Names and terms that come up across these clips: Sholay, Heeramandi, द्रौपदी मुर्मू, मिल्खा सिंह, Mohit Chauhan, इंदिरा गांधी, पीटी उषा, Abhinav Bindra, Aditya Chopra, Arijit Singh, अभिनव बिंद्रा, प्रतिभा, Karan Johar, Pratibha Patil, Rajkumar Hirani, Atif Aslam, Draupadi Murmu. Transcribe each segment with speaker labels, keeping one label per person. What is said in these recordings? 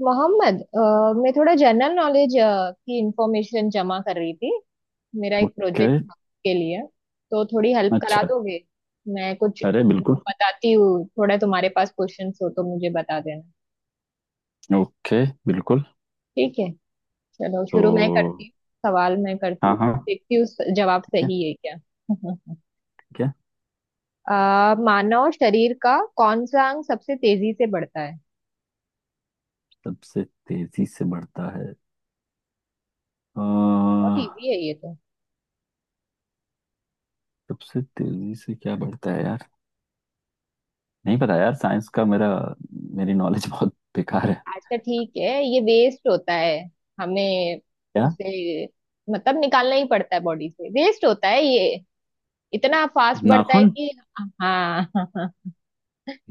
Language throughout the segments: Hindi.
Speaker 1: मोहम्मद मैं थोड़ा जनरल नॉलेज की इंफॉर्मेशन जमा कर रही थी। मेरा एक
Speaker 2: ओके।
Speaker 1: प्रोजेक्ट था के लिए। तो थोड़ी हेल्प करा
Speaker 2: अच्छा।
Speaker 1: दोगे? मैं कुछ
Speaker 2: अरे बिल्कुल।
Speaker 1: बताती हूँ, थोड़ा तुम्हारे पास क्वेश्चंस हो तो मुझे बता देना।
Speaker 2: ओके बिल्कुल।
Speaker 1: ठीक है, चलो शुरू मैं करती
Speaker 2: तो
Speaker 1: हूँ। सवाल मैं करती
Speaker 2: हाँ
Speaker 1: हूँ,
Speaker 2: हाँ।
Speaker 1: देखती हूँ जवाब
Speaker 2: क्या?
Speaker 1: सही है क्या।
Speaker 2: क्या?
Speaker 1: मानव शरीर का कौन सा अंग सबसे तेजी से बढ़ता है?
Speaker 2: सबसे तेजी से बढ़ता है। अ,
Speaker 1: बहुत इजी है ये तो।
Speaker 2: सबसे तेजी से क्या बढ़ता है यार। नहीं पता यार, साइंस का मेरा, मेरी नॉलेज बहुत बेकार है।
Speaker 1: अच्छा ठीक है, ये वेस्ट होता है हमें,
Speaker 2: क्या?
Speaker 1: उसे मतलब निकालना ही पड़ता है बॉडी से, वेस्ट होता है ये, इतना फास्ट बढ़ता है
Speaker 2: नाखून।
Speaker 1: कि। हाँ।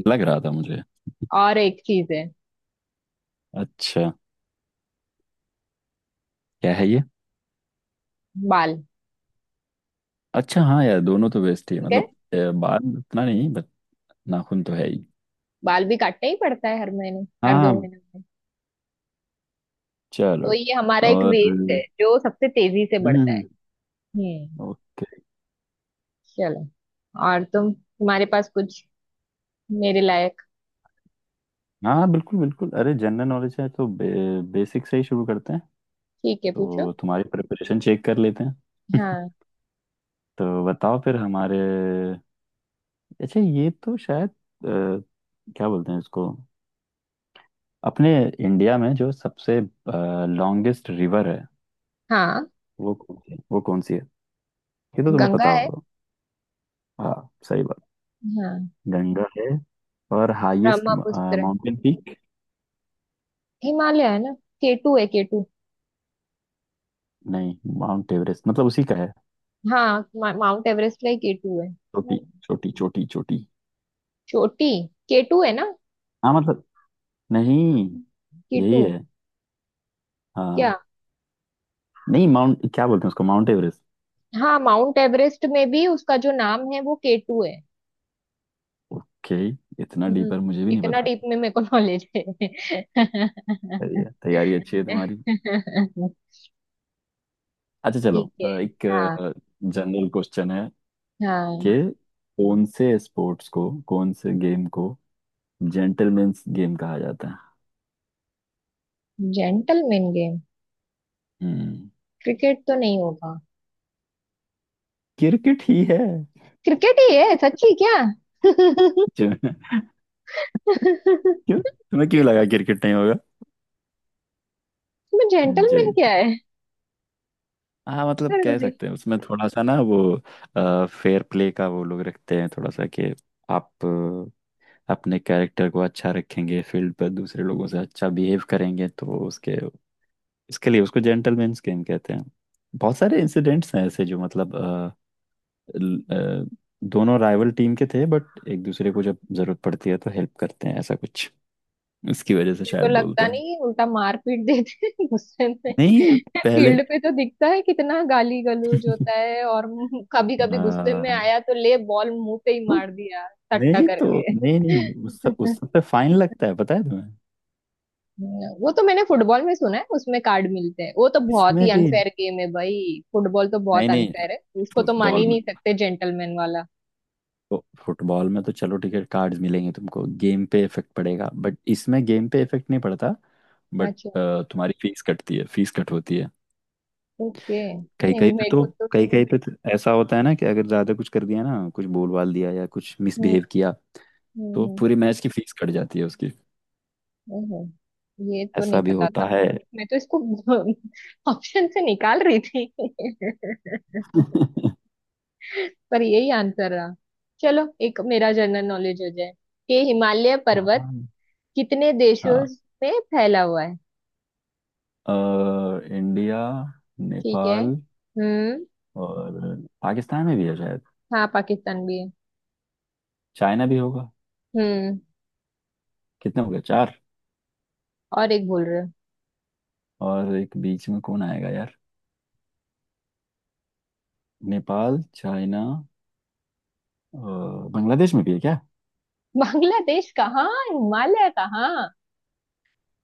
Speaker 2: लग रहा था मुझे।
Speaker 1: और एक चीज है,
Speaker 2: अच्छा, क्या है ये?
Speaker 1: बाल।
Speaker 2: अच्छा हाँ यार, दोनों तो बेस्ट ही है
Speaker 1: ठीक है,
Speaker 2: मतलब। बाल उतना नहीं, बट नाखून तो है ही।
Speaker 1: बाल भी काटना ही पड़ता है हर महीने, हर दो
Speaker 2: हाँ।
Speaker 1: महीने में। तो
Speaker 2: चलो।
Speaker 1: ये हमारा एक वेस्ट है
Speaker 2: और।
Speaker 1: जो सबसे तेजी से बढ़ता है।
Speaker 2: हम्म।
Speaker 1: हम्म।
Speaker 2: ओके।
Speaker 1: चलो। और तुम्हारे पास कुछ मेरे लायक?
Speaker 2: हाँ बिल्कुल बिल्कुल, अरे जनरल नॉलेज है तो बेसिक से ही शुरू करते हैं।
Speaker 1: ठीक है, पूछो।
Speaker 2: तो तुम्हारी प्रिपरेशन चेक कर लेते हैं।
Speaker 1: हाँ
Speaker 2: तो बताओ फिर हमारे। अच्छा, ये तो शायद क्या बोलते हैं इसको, अपने इंडिया में जो सबसे लॉन्गेस्ट रिवर है,
Speaker 1: हाँ।
Speaker 2: वो कौन सी है? वो कौन सी है? ये तो तुम्हें
Speaker 1: गंगा
Speaker 2: पता
Speaker 1: है।
Speaker 2: होगा। हाँ सही बात।
Speaker 1: हाँ।
Speaker 2: गंगा है। और highest
Speaker 1: Brahmaputra.
Speaker 2: Mountain peak?
Speaker 1: Himalaya है ना। केटू है, केटू।
Speaker 2: नहीं, माउंट एवरेस्ट मतलब उसी का है।
Speaker 1: माउंट एवरेस्ट का ही केटू है।
Speaker 2: छोटी छोटी छोटी।
Speaker 1: चोटी। केटू है ना।
Speaker 2: हाँ मतलब। नहीं।
Speaker 1: केटू।
Speaker 2: यही है।
Speaker 1: क्या।
Speaker 2: हाँ। नहीं माउंट क्या बोलते हैं उसको, माउंट एवरेस्ट।
Speaker 1: हाँ, माउंट एवरेस्ट में भी उसका जो नाम है वो केटू है।
Speaker 2: ओके। इतना
Speaker 1: हम्म,
Speaker 2: डीपर मुझे भी नहीं
Speaker 1: इतना
Speaker 2: पता
Speaker 1: डीप
Speaker 2: था।
Speaker 1: में मेरे को नॉलेज है।
Speaker 2: सही है, तैयारी अच्छी है तुम्हारी। अच्छा चलो,
Speaker 1: ठीक है।
Speaker 2: एक
Speaker 1: हाँ।
Speaker 2: जनरल क्वेश्चन है कि
Speaker 1: हाँ।
Speaker 2: कौन से स्पोर्ट्स को, कौन से गेम को जेंटलमैन्स गेम कहा जाता है?
Speaker 1: Gentleman game?
Speaker 2: हम्म।
Speaker 1: क्रिकेट तो नहीं होगा।
Speaker 2: क्रिकेट ही है।
Speaker 1: क्रिकेट ही है सच्ची क्या?
Speaker 2: क्यों? क्यों तुम्हें क्यों लगा क्रिकेट नहीं होगा?
Speaker 1: इसमें जेंटलमैन क्या
Speaker 2: जेंट हाँ मतलब कह
Speaker 1: है?
Speaker 2: सकते हैं, उसमें थोड़ा सा ना वो फेयर प्ले का वो लोग रखते हैं थोड़ा सा कि आप अपने कैरेक्टर को अच्छा रखेंगे, फील्ड पर दूसरे लोगों से अच्छा बिहेव करेंगे, तो उसके, इसके लिए उसको जेंटलमैन गेम कहते हैं। बहुत सारे इंसिडेंट्स हैं ऐसे जो मतलब ल- अ, दोनों राइवल टीम के थे, बट एक दूसरे को जब जरूरत पड़ती है तो हेल्प करते हैं, ऐसा कुछ इसकी वजह से
Speaker 1: मुझे तो
Speaker 2: शायद
Speaker 1: लगता
Speaker 2: बोलते हैं।
Speaker 1: नहीं, उल्टा मारपीट देते हैं गुस्से में।
Speaker 2: नहीं। पहले।
Speaker 1: फील्ड पे तो दिखता है कितना गाली गलौज होता है। और कभी कभी गुस्से में
Speaker 2: हाँ।
Speaker 1: आया तो ले, बॉल मुंह पे ही मार दिया सट्टा
Speaker 2: नहीं तो,
Speaker 1: करके।
Speaker 2: नहीं नहीं, उस सब पे फाइन लगता है, पता है तुम्हें?
Speaker 1: वो तो मैंने फुटबॉल में सुना है, उसमें कार्ड मिलते हैं। वो तो बहुत
Speaker 2: इसमें
Speaker 1: ही
Speaker 2: भी
Speaker 1: अनफेयर गेम है भाई, फुटबॉल तो बहुत
Speaker 2: नहीं नहीं।
Speaker 1: अनफेयर है, उसको तो मान
Speaker 2: फुटबॉल
Speaker 1: ही
Speaker 2: में
Speaker 1: नहीं सकते जेंटलमैन वाला।
Speaker 2: तो, फुटबॉल में तो चलो ठीक है, कार्ड्स मिलेंगे तुमको, गेम पे इफेक्ट पड़ेगा, बट इसमें गेम पे इफेक्ट नहीं पड़ता। बट
Speaker 1: अच्छा।
Speaker 2: तुम्हारी फीस कटती है, फीस कट होती है।
Speaker 1: ओके,
Speaker 2: कहीं
Speaker 1: नहीं
Speaker 2: कहीं पे
Speaker 1: मेरे
Speaker 2: तो,
Speaker 1: को तो।
Speaker 2: कहीं कहीं पे तो ऐसा होता है ना कि अगर ज्यादा कुछ कर दिया ना, कुछ बोल बाल दिया या कुछ
Speaker 1: हम्म
Speaker 2: मिसबिहेव किया
Speaker 1: हम्म
Speaker 2: तो
Speaker 1: हम्म।
Speaker 2: पूरी मैच की फीस कट जाती है उसकी।
Speaker 1: ओहो, ये तो
Speaker 2: ऐसा
Speaker 1: नहीं
Speaker 2: भी
Speaker 1: पता
Speaker 2: होता
Speaker 1: था।
Speaker 2: है।
Speaker 1: मैं तो इसको ऑप्शन से निकाल रही थी पर यही आंसर रहा। चलो, एक मेरा जनरल नॉलेज हो जाए, कि हिमालय पर्वत
Speaker 2: हाँ
Speaker 1: कितने देशों
Speaker 2: हाँ।
Speaker 1: में फैला हुआ है?
Speaker 2: अ, इंडिया,
Speaker 1: ठीक है।
Speaker 2: नेपाल
Speaker 1: हम्म।
Speaker 2: और पाकिस्तान में भी है शायद।
Speaker 1: हाँ, पाकिस्तान भी है।
Speaker 2: चाइना भी होगा।
Speaker 1: हम्म।
Speaker 2: कितने हो गए, चार?
Speaker 1: और एक बोल रहे हो?
Speaker 2: और एक बीच में कौन आएगा यार? नेपाल, चाइना, अ, बांग्लादेश में भी है क्या?
Speaker 1: बांग्लादेश कहाँ, हिमालय कहाँ,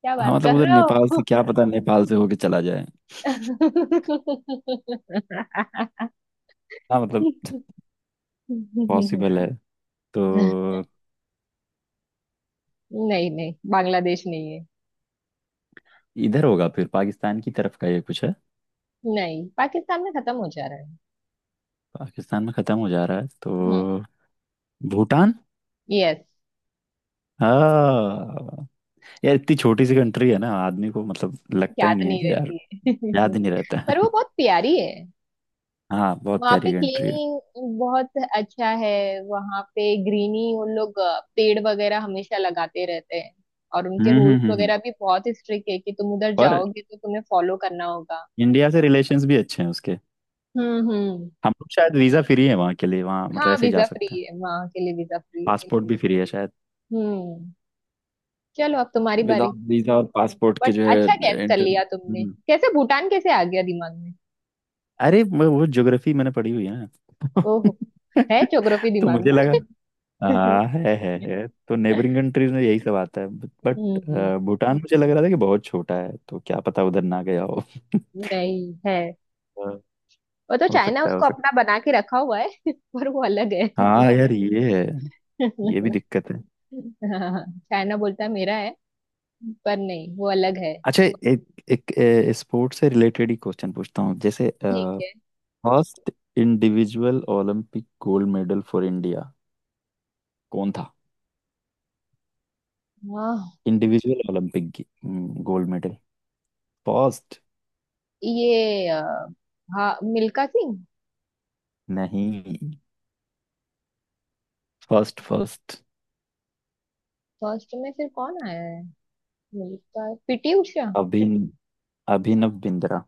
Speaker 1: क्या
Speaker 2: हाँ
Speaker 1: बात
Speaker 2: मतलब,
Speaker 1: कर
Speaker 2: उधर
Speaker 1: रहे
Speaker 2: नेपाल
Speaker 1: हो?
Speaker 2: से, क्या पता नेपाल से होके चला जाए। हाँ मतलब पॉसिबल है तो।
Speaker 1: नहीं नहीं, बांग्लादेश नहीं है।
Speaker 2: इधर होगा फिर पाकिस्तान की तरफ का, ये कुछ है।
Speaker 1: नहीं, पाकिस्तान में खत्म हो जा रहा है।
Speaker 2: पाकिस्तान में खत्म हो जा रहा है
Speaker 1: हम्म।
Speaker 2: तो भूटान।
Speaker 1: यस।
Speaker 2: हाँ यार, इतनी छोटी सी कंट्री है ना, आदमी को मतलब लगता ही
Speaker 1: याद
Speaker 2: नहीं है
Speaker 1: नहीं
Speaker 2: कि यार
Speaker 1: रहती है।
Speaker 2: याद ही नहीं रहता है।
Speaker 1: पर वो बहुत प्यारी है।
Speaker 2: हाँ बहुत
Speaker 1: वहाँ पे
Speaker 2: प्यारी कंट्री है।
Speaker 1: क्लीनिंग बहुत अच्छा है, वहाँ पे ग्रीनी उन लोग पेड़ वगैरह हमेशा लगाते रहते हैं। और उनके
Speaker 2: हम्म
Speaker 1: रूल्स
Speaker 2: हम्म हम्म हम्म।
Speaker 1: वगैरह भी बहुत स्ट्रिक्ट है कि तुम उधर
Speaker 2: और
Speaker 1: जाओगे तो तुम्हें फॉलो करना होगा।
Speaker 2: इंडिया से रिलेशंस भी अच्छे हैं उसके।
Speaker 1: हम्म।
Speaker 2: हम लोग शायद वीज़ा फ्री है वहाँ के लिए, वहाँ मतलब
Speaker 1: हाँ,
Speaker 2: ऐसे ही जा
Speaker 1: वीजा फ्री
Speaker 2: सकते हैं।
Speaker 1: है वहाँ के लिए, वीजा फ्री है।
Speaker 2: पासपोर्ट भी फ्री है शायद।
Speaker 1: हम्म। चलो, अब तुम्हारी बारी।
Speaker 2: विदाउट वीजा और पासपोर्ट के
Speaker 1: बट
Speaker 2: जो
Speaker 1: अच्छा, गैस
Speaker 2: है।
Speaker 1: कर
Speaker 2: इंटर।
Speaker 1: लिया तुमने
Speaker 2: हम्म।
Speaker 1: कैसे, भूटान कैसे आ गया दिमाग?
Speaker 2: अरे वो ज्योग्राफी मैंने पढ़ी हुई है
Speaker 1: ओहो,
Speaker 2: ना,
Speaker 1: है ज्योग्राफी
Speaker 2: तो
Speaker 1: दिमाग
Speaker 2: मुझे लगा।
Speaker 1: में।
Speaker 2: हाँ है, तो नेबरिंग कंट्रीज में यही सब आता है बट
Speaker 1: हम्म।
Speaker 2: भूटान मुझे लग रहा था कि बहुत छोटा है, तो क्या पता उधर ना गया हो।
Speaker 1: नहीं है,
Speaker 2: हाँ।
Speaker 1: वो तो
Speaker 2: हो
Speaker 1: चाइना
Speaker 2: सकता है, हो
Speaker 1: उसको
Speaker 2: सकता
Speaker 1: अपना बना के रखा हुआ है पर वो अलग है।
Speaker 2: है। हाँ यार ये है। ये भी दिक्कत है।
Speaker 1: हाँ, चाइना बोलता है मेरा है, पर नहीं वो अलग है।
Speaker 2: अच्छा, एक एक स्पोर्ट्स से रिलेटेड ही क्वेश्चन पूछता हूँ। जैसे
Speaker 1: ठीक है।
Speaker 2: First individual Olympic gold medal for India कौन था?
Speaker 1: हाँ।
Speaker 2: इंडिविजुअल ओलंपिक की गोल्ड मेडल फर्स्ट।
Speaker 1: ये अ, हाँ, मिल्खा सिंह।
Speaker 2: नहीं, फर्स्ट फर्स्ट।
Speaker 1: फर्स्ट में फिर कौन आया है, मिल्खा, पीटी उषा?
Speaker 2: अभिन अभिनव बिंद्रा।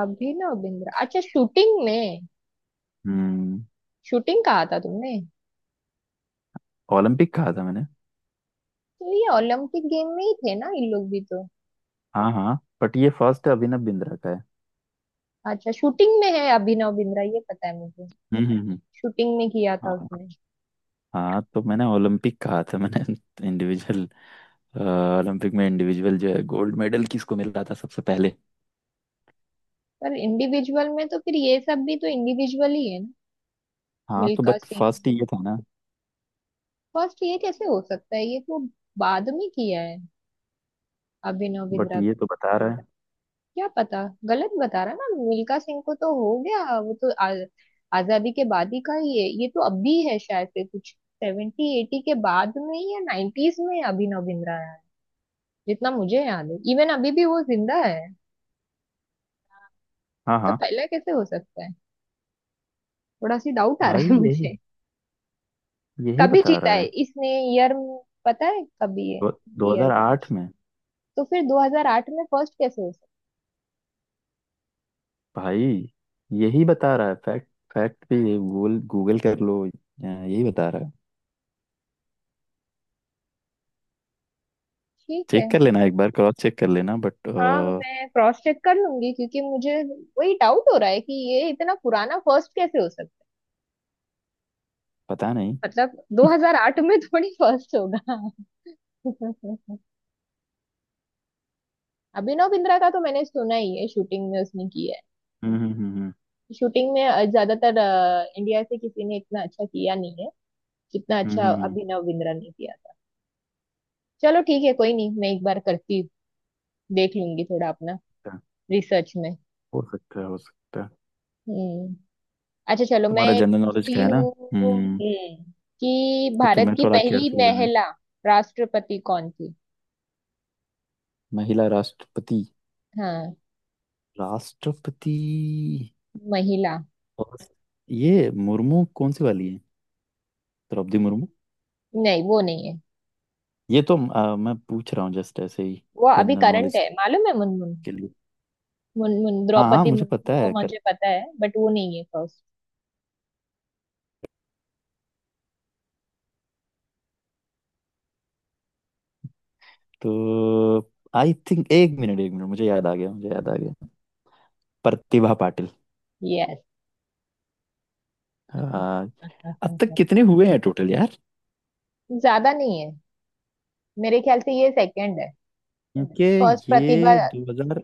Speaker 1: अभिनव बिंद्रा, अच्छा शूटिंग में।
Speaker 2: हम्म।
Speaker 1: शूटिंग कहा था तुमने?
Speaker 2: ओलंपिक कहा था मैंने।
Speaker 1: तो ये ओलंपिक गेम में ही थे ना, इन लोग भी तो।
Speaker 2: हाँ हाँ, बट ये फर्स्ट अभिनव बिंद्रा का है।
Speaker 1: अच्छा, शूटिंग में है अभिनव बिंद्रा, ये पता है।
Speaker 2: हम्म।
Speaker 1: शूटिंग में किया था
Speaker 2: हाँ।
Speaker 1: उसने।
Speaker 2: हाँ तो मैंने ओलंपिक कहा था मैंने, इंडिविजुअल ओलंपिक में इंडिविजुअल जो है गोल्ड मेडल किसको मिल रहा था सबसे पहले।
Speaker 1: पर इंडिविजुअल में तो फिर ये सब भी तो इंडिविजुअल ही है ना।
Speaker 2: हाँ तो
Speaker 1: मिल्खा
Speaker 2: बट
Speaker 1: सिंह।
Speaker 2: फर्स्ट ये था ना।
Speaker 1: फर्स्ट ये कैसे हो सकता है, ये तो बाद में किया है अभिनव
Speaker 2: बट
Speaker 1: बिंद्रा
Speaker 2: ये
Speaker 1: तो।
Speaker 2: तो बता रहा है।
Speaker 1: क्या पता, गलत बता रहा ना। मिल्खा सिंह को तो हो गया, वो तो आजादी के बाद ही का ही है। ये तो अब भी है शायद से कुछ। सेवेंटी एटी के बाद में ही या नाइन्टीज में अभिनव बिंद्रा आया है जितना मुझे याद है। इवन अभी भी वो जिंदा है।
Speaker 2: हाँ
Speaker 1: तो
Speaker 2: हाँ।
Speaker 1: पहले कैसे हो सकता है? थोड़ा सी डाउट आ रहा
Speaker 2: भाई
Speaker 1: है
Speaker 2: यही,
Speaker 1: मुझे।
Speaker 2: यही
Speaker 1: कभी
Speaker 2: बता
Speaker 1: जीता
Speaker 2: रहा
Speaker 1: है
Speaker 2: है।
Speaker 1: इसने? ईयर पता है कभी है?
Speaker 2: दो,
Speaker 1: ईयर?
Speaker 2: 2008 में।
Speaker 1: तो फिर 2008 में फर्स्ट कैसे हो सकता?
Speaker 2: भाई यही बता रहा है फैक्ट, फैक्ट भी ये। गूगल गूगल कर लो, यहाँ यही बता रहा है।
Speaker 1: ठीक है।
Speaker 2: चेक कर लेना, एक बार क्रॉस चेक कर लेना, बट
Speaker 1: हाँ, मैं क्रॉस चेक कर लूंगी, क्योंकि मुझे वही डाउट हो रहा है कि ये इतना पुराना फर्स्ट कैसे हो सकता
Speaker 2: पता नहीं।
Speaker 1: है। मतलब 2008 में थोड़ी फर्स्ट होगा। अभिनव बिंद्रा का तो मैंने सुना ही है, शूटिंग में उसने किया है।
Speaker 2: हम्म हम्म हम्म
Speaker 1: शूटिंग में ज्यादातर इंडिया से किसी ने इतना अच्छा किया नहीं है जितना
Speaker 2: हम्म
Speaker 1: अच्छा
Speaker 2: हम्म, हम्म,
Speaker 1: अभिनव बिंद्रा ने किया था। चलो ठीक है, कोई नहीं, मैं एक बार करती हूँ। देख लूंगी थोड़ा अपना
Speaker 2: हम्म,
Speaker 1: रिसर्च में।
Speaker 2: हो सकता है, हो सकता है।
Speaker 1: हम्म। अच्छा चलो, मैं
Speaker 2: तुम्हारा
Speaker 1: एक
Speaker 2: जनरल नॉलेज का
Speaker 1: पूछती
Speaker 2: है ना।
Speaker 1: हूँ।
Speaker 2: हम्म।
Speaker 1: हम्म। कि
Speaker 2: तो
Speaker 1: भारत
Speaker 2: तुम्हें
Speaker 1: की
Speaker 2: थोड़ा
Speaker 1: पहली
Speaker 2: केयरफुल रहना है।
Speaker 1: महिला राष्ट्रपति कौन थी?
Speaker 2: महिला राष्ट्रपति।
Speaker 1: हाँ,
Speaker 2: राष्ट्रपति।
Speaker 1: महिला।
Speaker 2: और ये मुर्मू कौन सी वाली है? द्रौपदी मुर्मू।
Speaker 1: नहीं, वो नहीं है,
Speaker 2: ये तो मैं पूछ रहा हूँ जस्ट ऐसे ही,
Speaker 1: वो अभी
Speaker 2: जनरल
Speaker 1: करंट
Speaker 2: नॉलेज
Speaker 1: है, मालूम है, मुनमुन।
Speaker 2: के लिए।
Speaker 1: मुनमुन,
Speaker 2: हाँ हाँ
Speaker 1: द्रौपदी
Speaker 2: मुझे पता
Speaker 1: मुर्मू, वो
Speaker 2: है।
Speaker 1: मुझे पता है, बट वो नहीं है फर्स्ट।
Speaker 2: तो आई थिंक, एक मिनट एक मिनट, मुझे याद आ गया, मुझे याद आ गया। प्रतिभा पाटिल।
Speaker 1: यस।
Speaker 2: हाँ, अब तक कितने हुए हैं टोटल यार?
Speaker 1: ज्यादा नहीं है, मेरे ख्याल से ये सेकंड है।
Speaker 2: क्योंकि
Speaker 1: फर्स्ट प्रतिभा।
Speaker 2: ये 2000,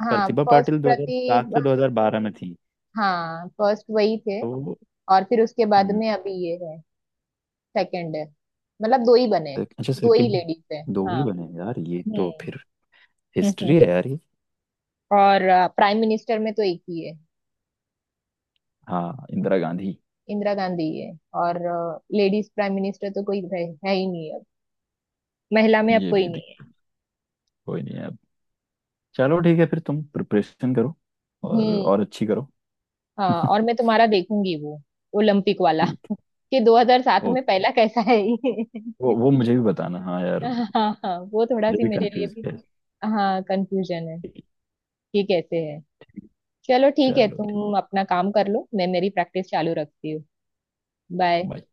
Speaker 1: हाँ,
Speaker 2: प्रतिभा
Speaker 1: फर्स्ट
Speaker 2: पाटिल 2007
Speaker 1: प्रतिभा।
Speaker 2: से 2012 में थी
Speaker 1: हाँ, फर्स्ट वही थे।
Speaker 2: तो।
Speaker 1: और फिर उसके बाद
Speaker 2: हम्म,
Speaker 1: में अभी ये है। सेकंड है, मतलब दो ही बने हैं,
Speaker 2: अच्छा,
Speaker 1: दो ही
Speaker 2: सेकंड।
Speaker 1: लेडीज है।
Speaker 2: दो ही
Speaker 1: हाँ।
Speaker 2: बने यार, ये तो
Speaker 1: हम्म
Speaker 2: फिर हिस्ट्री है
Speaker 1: हम्म।
Speaker 2: यार ये।
Speaker 1: और प्राइम मिनिस्टर में तो एक ही है।
Speaker 2: हाँ, इंदिरा गांधी।
Speaker 1: इंदिरा गांधी है। और लेडीज प्राइम मिनिस्टर तो कोई है ही नहीं अब, महिला में अब
Speaker 2: ये
Speaker 1: कोई
Speaker 2: भी
Speaker 1: नहीं है।
Speaker 2: दिख, कोई नहीं है अब। चलो ठीक है फिर, तुम प्रिपरेशन करो
Speaker 1: हम्म।
Speaker 2: और अच्छी करो।
Speaker 1: हाँ, और मैं तुम्हारा देखूंगी वो ओलंपिक वाला,
Speaker 2: ठीक है,
Speaker 1: कि 2007 में
Speaker 2: ओके।
Speaker 1: पहला कैसा है ये।
Speaker 2: वो मुझे भी बताना हाँ यार,
Speaker 1: हाँ
Speaker 2: मुझे
Speaker 1: हाँ, वो थोड़ा सी
Speaker 2: भी
Speaker 1: मेरे लिए
Speaker 2: कंफ्यूज
Speaker 1: भी।
Speaker 2: है।
Speaker 1: हाँ, कंफ्यूजन है कि कैसे है।
Speaker 2: चलो
Speaker 1: चलो ठीक है,
Speaker 2: ठीक।
Speaker 1: तुम अपना काम कर लो, मैं मेरी प्रैक्टिस चालू रखती हूँ। बाय।
Speaker 2: बाय।